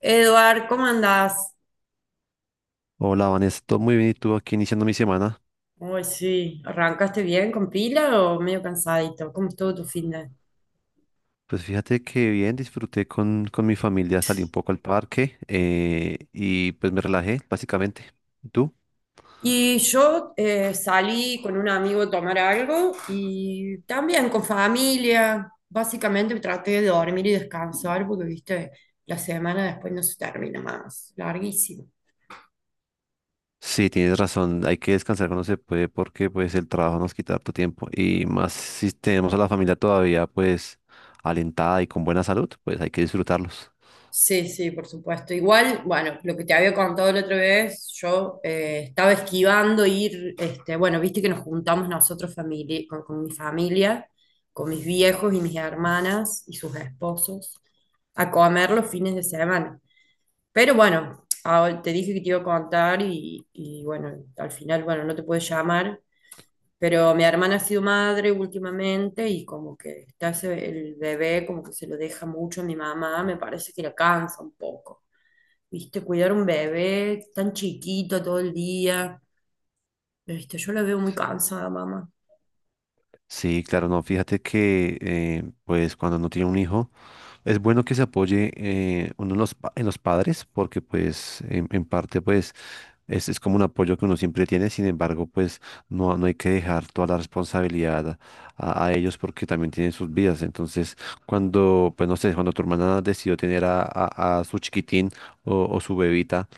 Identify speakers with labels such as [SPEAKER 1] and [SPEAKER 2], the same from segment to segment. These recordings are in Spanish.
[SPEAKER 1] Eduard, ¿cómo andás?
[SPEAKER 2] Hola, Vanessa, todo muy bien y tú aquí iniciando mi semana.
[SPEAKER 1] Uy, sí, ¿arrancaste bien con pila o medio cansadito? ¿Cómo estuvo tu fin de?
[SPEAKER 2] Pues fíjate que bien, disfruté con mi familia, salí un poco al parque y pues me relajé, básicamente. ¿Y tú?
[SPEAKER 1] Y yo salí con un amigo a tomar algo y también con familia. Básicamente traté de dormir y descansar porque, viste, la semana después no se termina más, larguísimo.
[SPEAKER 2] Sí, tienes razón, hay que descansar cuando se puede porque pues el trabajo nos quita harto tiempo y más si tenemos a la familia todavía pues alentada y con buena salud, pues hay que disfrutarlos.
[SPEAKER 1] Sí, sí, por supuesto. Igual, bueno, lo que te había contado la otra vez, yo estaba esquivando ir, este, bueno, viste que nos juntamos nosotros con mi familia, con mis viejos y mis hermanas y sus esposos, a comer los fines de semana. Pero bueno, ah, bueno, te dije que te iba a contar y bueno, al final, bueno, no te puedo llamar, pero mi hermana ha sido madre últimamente y como que está el bebé, como que se lo deja mucho a mi mamá, me parece que la cansa un poco. ¿Viste? Cuidar un bebé tan chiquito todo el día. ¿Viste? Yo la veo muy cansada, mamá.
[SPEAKER 2] Sí, claro, no, fíjate que pues cuando uno tiene un hijo es bueno que se apoye uno en los, en los padres porque pues en parte pues es como un apoyo que uno siempre tiene. Sin embargo pues no hay que dejar toda la responsabilidad a ellos porque también tienen sus vidas. Entonces cuando pues no sé, cuando tu hermana decidió tener a su chiquitín o su bebita,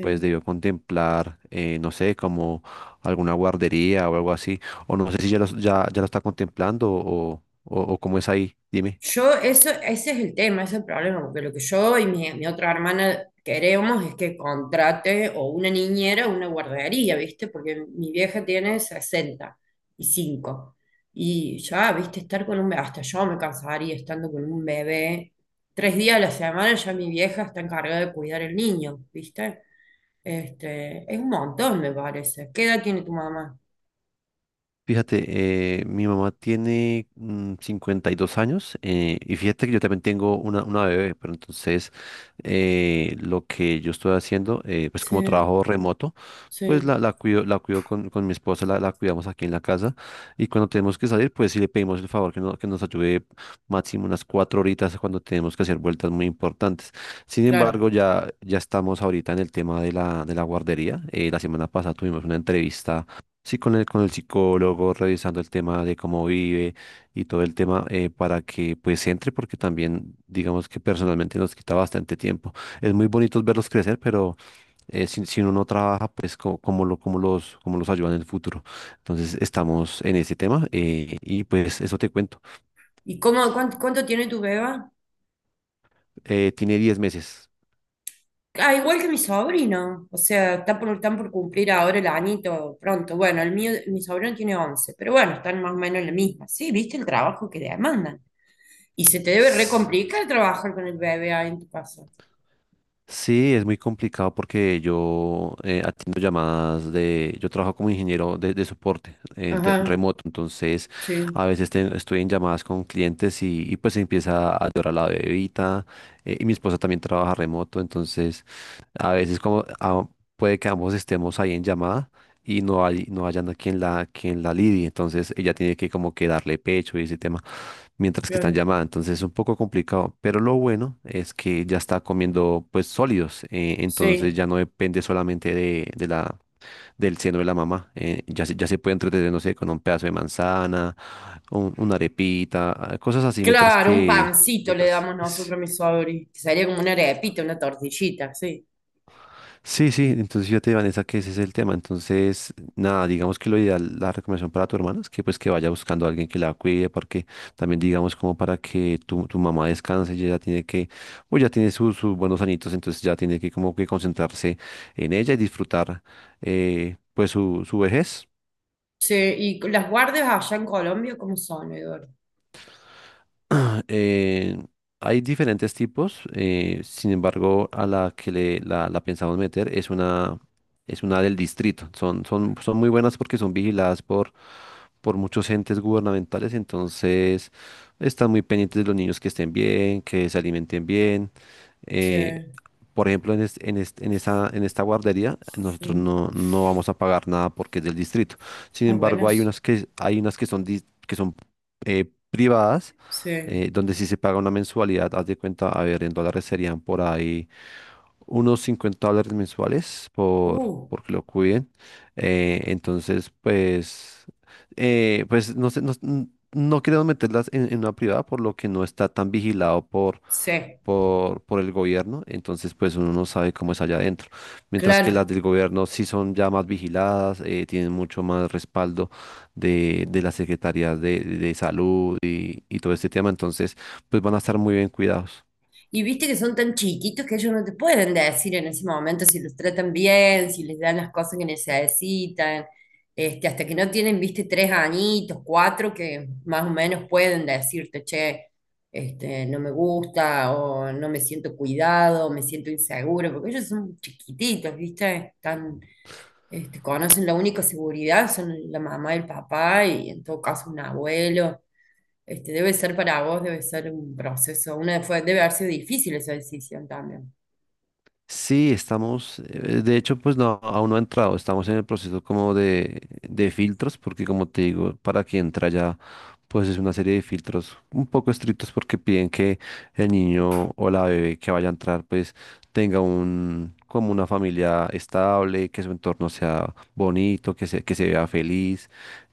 [SPEAKER 2] pues debió contemplar no sé, como alguna guardería o algo así, o no sé si ya lo está contemplando, o cómo es ahí, dime.
[SPEAKER 1] Yo, eso, ese es el tema, ese es el problema, porque lo que yo y mi otra hermana queremos es que contrate o una niñera o una guardería, ¿viste? Porque mi vieja tiene 65 y cinco. Y ya, ¿viste? Estar con un bebé, hasta yo me cansaría estando con un bebé. Tres días a la semana ya mi vieja está encargada de cuidar el niño, ¿viste? Este, es un montón, me parece. ¿Qué edad tiene tu mamá?
[SPEAKER 2] Fíjate, mi mamá tiene 52 años, y fíjate que yo también tengo una bebé. Pero entonces lo que yo estoy haciendo, pues como
[SPEAKER 1] Sí,
[SPEAKER 2] trabajo remoto, pues
[SPEAKER 1] sí,
[SPEAKER 2] la cuido con mi esposa, la cuidamos aquí en la casa. Y cuando tenemos que salir, pues sí le pedimos el favor que, que nos ayude máximo unas 4 horitas cuando tenemos que hacer vueltas muy importantes. Sin
[SPEAKER 1] claro.
[SPEAKER 2] embargo, ya estamos ahorita en el tema de de la guardería. La semana pasada tuvimos una entrevista sí, con el psicólogo, revisando el tema de cómo vive y todo el tema para que pues entre, porque también digamos que personalmente nos quita bastante tiempo. Es muy bonito verlos crecer, pero si, si uno no trabaja, pues cómo los ayuda en el futuro. Entonces estamos en ese tema, y pues eso te cuento.
[SPEAKER 1] Y cuánto tiene tu beba?
[SPEAKER 2] Tiene 10 meses.
[SPEAKER 1] Ah, igual que mi sobrino, o sea, están por cumplir ahora el añito pronto. Bueno, el mío, mi sobrino tiene 11, pero bueno, están más o menos en la misma. Sí, viste el trabajo que demandan. Y se te debe recomplicar trabajar con el bebé ahí en tu casa.
[SPEAKER 2] Sí, es muy complicado porque yo atiendo llamadas de, yo trabajo como ingeniero de soporte
[SPEAKER 1] Ajá,
[SPEAKER 2] remoto. Entonces
[SPEAKER 1] sí,
[SPEAKER 2] a veces estoy en llamadas con clientes y pues empieza a llorar la bebita, y mi esposa también trabaja remoto. Entonces a veces como puede que ambos estemos ahí en llamada y no hay, no hayan a quien la lidie. Entonces ella tiene que como que darle pecho y ese tema mientras que están
[SPEAKER 1] claro,
[SPEAKER 2] llamada. Entonces es un poco complicado, pero lo bueno es que ya está comiendo pues sólidos. Entonces
[SPEAKER 1] sí.
[SPEAKER 2] ya no depende solamente del seno de la mamá. Ya se puede entretener, no sé, con un pedazo de manzana, una arepita, cosas así, mientras
[SPEAKER 1] Claro, un
[SPEAKER 2] que...
[SPEAKER 1] pancito le
[SPEAKER 2] Mientras...
[SPEAKER 1] damos nosotros a mi sobrino, que sería como una arepita, una tortillita, sí.
[SPEAKER 2] Sí, sí, entonces fíjate, Vanessa, que ese es el tema. Entonces, nada, digamos que lo ideal, la recomendación para tu hermana es que pues que vaya buscando a alguien que la cuide, porque también digamos como para que tu mamá descanse, ella ya tiene que, pues ya tiene sus buenos añitos, entonces ya tiene que como que concentrarse en ella y disfrutar pues su vejez.
[SPEAKER 1] Sí, y las guardias allá en Colombia, ¿cómo son, Eduardo?
[SPEAKER 2] Eh, hay diferentes tipos, sin embargo, a la que la pensamos meter es es una del distrito. Son muy buenas porque son vigiladas por muchos entes gubernamentales. Entonces están muy pendientes de los niños que estén bien, que se alimenten bien.
[SPEAKER 1] Sí,
[SPEAKER 2] Eh, por ejemplo, en, es- en, est- en esa, en esta guardería, nosotros
[SPEAKER 1] sí.
[SPEAKER 2] no vamos a pagar nada porque es del distrito. Sin
[SPEAKER 1] Ah,
[SPEAKER 2] embargo,
[SPEAKER 1] buenas.
[SPEAKER 2] hay unas que son, que son privadas,
[SPEAKER 1] Sí.
[SPEAKER 2] donde sí se paga una mensualidad. Haz de cuenta, a ver, en dólares serían por ahí unos 50 dólares mensuales
[SPEAKER 1] Uh.
[SPEAKER 2] por que lo cuiden. Entonces, pues, pues no sé, no, no queremos meterlas en una privada, por lo que no está tan vigilado
[SPEAKER 1] Sí,
[SPEAKER 2] por el gobierno. Entonces pues uno no sabe cómo es allá adentro. Mientras que las
[SPEAKER 1] claro.
[SPEAKER 2] del gobierno sí son ya más vigiladas, tienen mucho más respaldo de las secretarías de salud y todo este tema. Entonces pues van a estar muy bien cuidados.
[SPEAKER 1] Y viste que son tan chiquitos que ellos no te pueden decir en ese momento si los tratan bien, si les dan las cosas que necesitan, este, hasta que no tienen, viste, tres añitos, cuatro, que más o menos pueden decirte, che, este, no me gusta, o no me siento cuidado, o me siento inseguro, porque ellos son chiquititos, viste, están, este, conocen la única seguridad, son la mamá y el papá, y en todo caso un abuelo. Este, debe ser para vos, debe ser un proceso, una, fue, debe haber sido difícil esa decisión también.
[SPEAKER 2] Sí, estamos, de hecho, pues no, aún no ha entrado, estamos en el proceso como de filtros, porque como te digo, para que entra ya, pues es una serie de filtros un poco estrictos porque piden que el niño o la bebé que vaya a entrar, pues tenga un, como una familia estable, que su entorno sea bonito, que se vea feliz,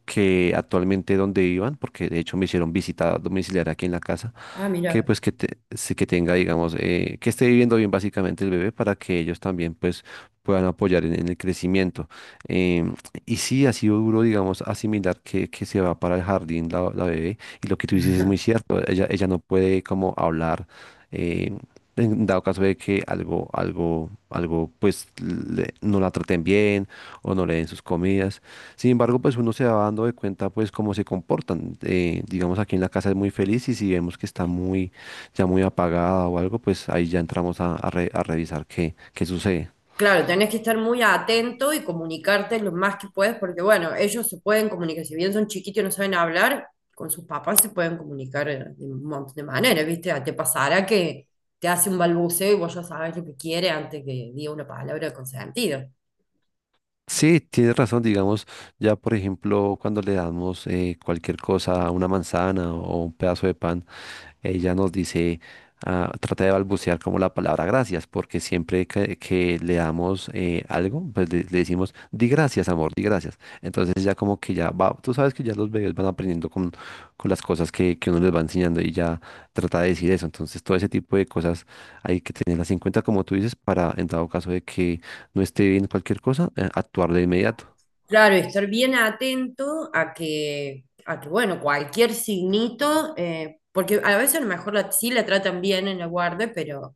[SPEAKER 2] que actualmente donde vivan, porque de hecho me hicieron visita domiciliaria aquí en la casa,
[SPEAKER 1] Ah,
[SPEAKER 2] que
[SPEAKER 1] mira.
[SPEAKER 2] pues que, sí que tenga, digamos, que esté viviendo bien básicamente el bebé para que ellos también pues puedan apoyar en el crecimiento. Em, y sí, ha sido duro, digamos, asimilar que se va para el jardín la bebé. Y lo que tú dices es muy cierto, ella no puede como hablar. Eh, en dado caso de que algo, pues no la traten bien o no le den sus comidas. Sin embargo, pues uno se va dando de cuenta pues cómo se comportan. Digamos aquí en la casa es muy feliz, y si vemos que está muy, ya muy apagada o algo, pues ahí ya entramos a revisar qué sucede.
[SPEAKER 1] Claro, tenés que estar muy atento y comunicarte lo más que puedes, porque bueno, ellos se pueden comunicar, si bien son chiquitos y no saben hablar, con sus papás se pueden comunicar de un montón de maneras, ¿viste? Ah, te pasará que te hace un balbuceo y vos ya sabes lo que quiere antes que diga una palabra con sentido.
[SPEAKER 2] Sí, tienes razón, digamos, ya por ejemplo, cuando le damos cualquier cosa, una manzana o un pedazo de pan, ella nos dice, ah, trata de balbucear como la palabra gracias, porque siempre que le damos algo, pues le decimos, di gracias, amor, di gracias. Entonces ya como que ya va, tú sabes que ya los bebés van aprendiendo con las cosas que uno les va enseñando, y ya trata de decir eso. Entonces todo ese tipo de cosas hay que tenerlas en cuenta, como tú dices, para en dado caso de que no esté bien cualquier cosa, actuar de inmediato.
[SPEAKER 1] Claro, y estar bien atento a que bueno, cualquier signito, porque a veces a lo mejor la, sí la tratan bien en la guardia, pero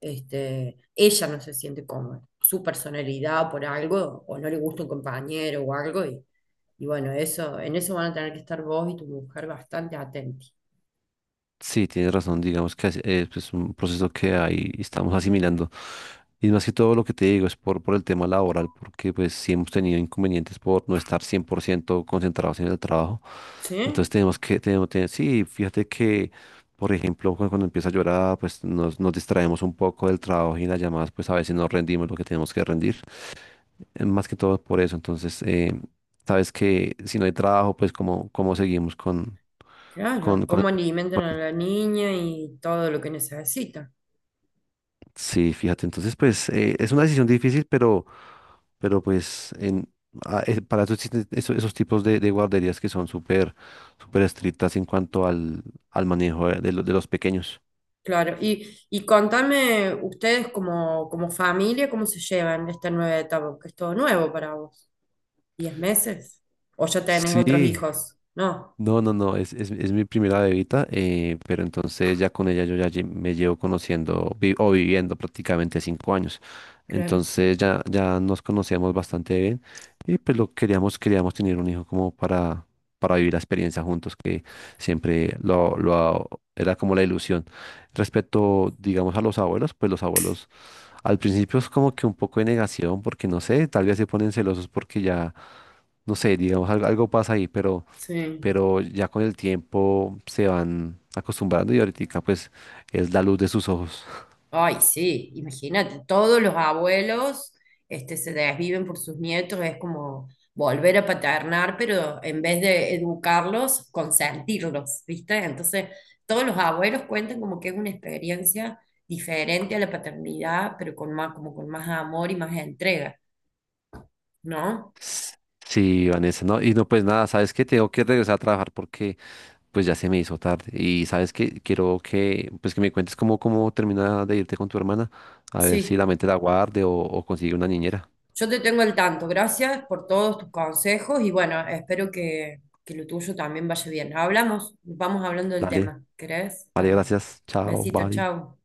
[SPEAKER 1] este, ella no se siente cómoda, su personalidad por algo, o no le gusta un compañero o algo, y bueno, eso, en eso van a tener que estar vos y tu mujer bastante atentos.
[SPEAKER 2] Sí, tienes razón, digamos que es pues, un proceso que ahí estamos asimilando. Y más que todo lo que te digo es por el tema laboral, porque pues sí hemos tenido inconvenientes por no estar 100% concentrados en el trabajo. Entonces
[SPEAKER 1] ¿Sí?
[SPEAKER 2] tenemos que, tenemos, te- sí, fíjate que, por ejemplo, cuando empieza a llorar, pues nos distraemos un poco del trabajo, y en las llamadas, pues a veces no rendimos lo que tenemos que rendir. Más que todo por eso. Entonces, sabes que si no hay trabajo, pues cómo, cómo seguimos
[SPEAKER 1] Claro,
[SPEAKER 2] con... con...
[SPEAKER 1] cómo alimentan a la niña y todo lo que necesita.
[SPEAKER 2] Sí, fíjate, entonces pues es una decisión difícil, pero pues para eso existen esos tipos de guarderías que son súper, súper estrictas en cuanto al manejo de, de los pequeños.
[SPEAKER 1] Claro, y contame ustedes como, como familia, ¿cómo se llevan esta nueva etapa? Que es todo nuevo para vos. ¿10 meses? ¿O ya tenés otros
[SPEAKER 2] Sí.
[SPEAKER 1] hijos? No,
[SPEAKER 2] No, no, no, es mi primera bebita, pero entonces ya con ella yo ya me llevo conociendo vi- o viviendo prácticamente 5 años.
[SPEAKER 1] claro,
[SPEAKER 2] Entonces ya nos conocíamos bastante bien, y pues lo queríamos, queríamos tener un hijo como para vivir la experiencia juntos, que siempre era como la ilusión. Respecto, digamos, a los abuelos, pues los abuelos al principio es como que un poco de negación, porque no sé, tal vez se ponen celosos porque ya, no sé, digamos, algo pasa ahí,
[SPEAKER 1] sí.
[SPEAKER 2] pero ya con el tiempo se van acostumbrando, y ahorita pues es la luz de sus ojos.
[SPEAKER 1] Ay, sí, imagínate, todos los abuelos este, se desviven por sus nietos, es como volver a paternar, pero en vez de educarlos, consentirlos, ¿viste? Entonces, todos los abuelos cuentan como que es una experiencia diferente a la paternidad, pero con más, como con más amor y más entrega, ¿no?
[SPEAKER 2] Sí, Vanessa, no, y no, pues nada, sabes que tengo que regresar a trabajar porque pues ya se me hizo tarde, y sabes que quiero que pues que me cuentes cómo, cómo termina de irte con tu hermana, a ver si la
[SPEAKER 1] Sí.
[SPEAKER 2] mente la guarde, o consigue una niñera.
[SPEAKER 1] Yo te tengo al tanto. Gracias por todos tus consejos y bueno, espero que lo tuyo también vaya bien. Hablamos, vamos hablando del
[SPEAKER 2] Dale,
[SPEAKER 1] tema. ¿Querés?
[SPEAKER 2] vale,
[SPEAKER 1] Dale.
[SPEAKER 2] gracias, chao,
[SPEAKER 1] Besito,
[SPEAKER 2] bye.
[SPEAKER 1] chao.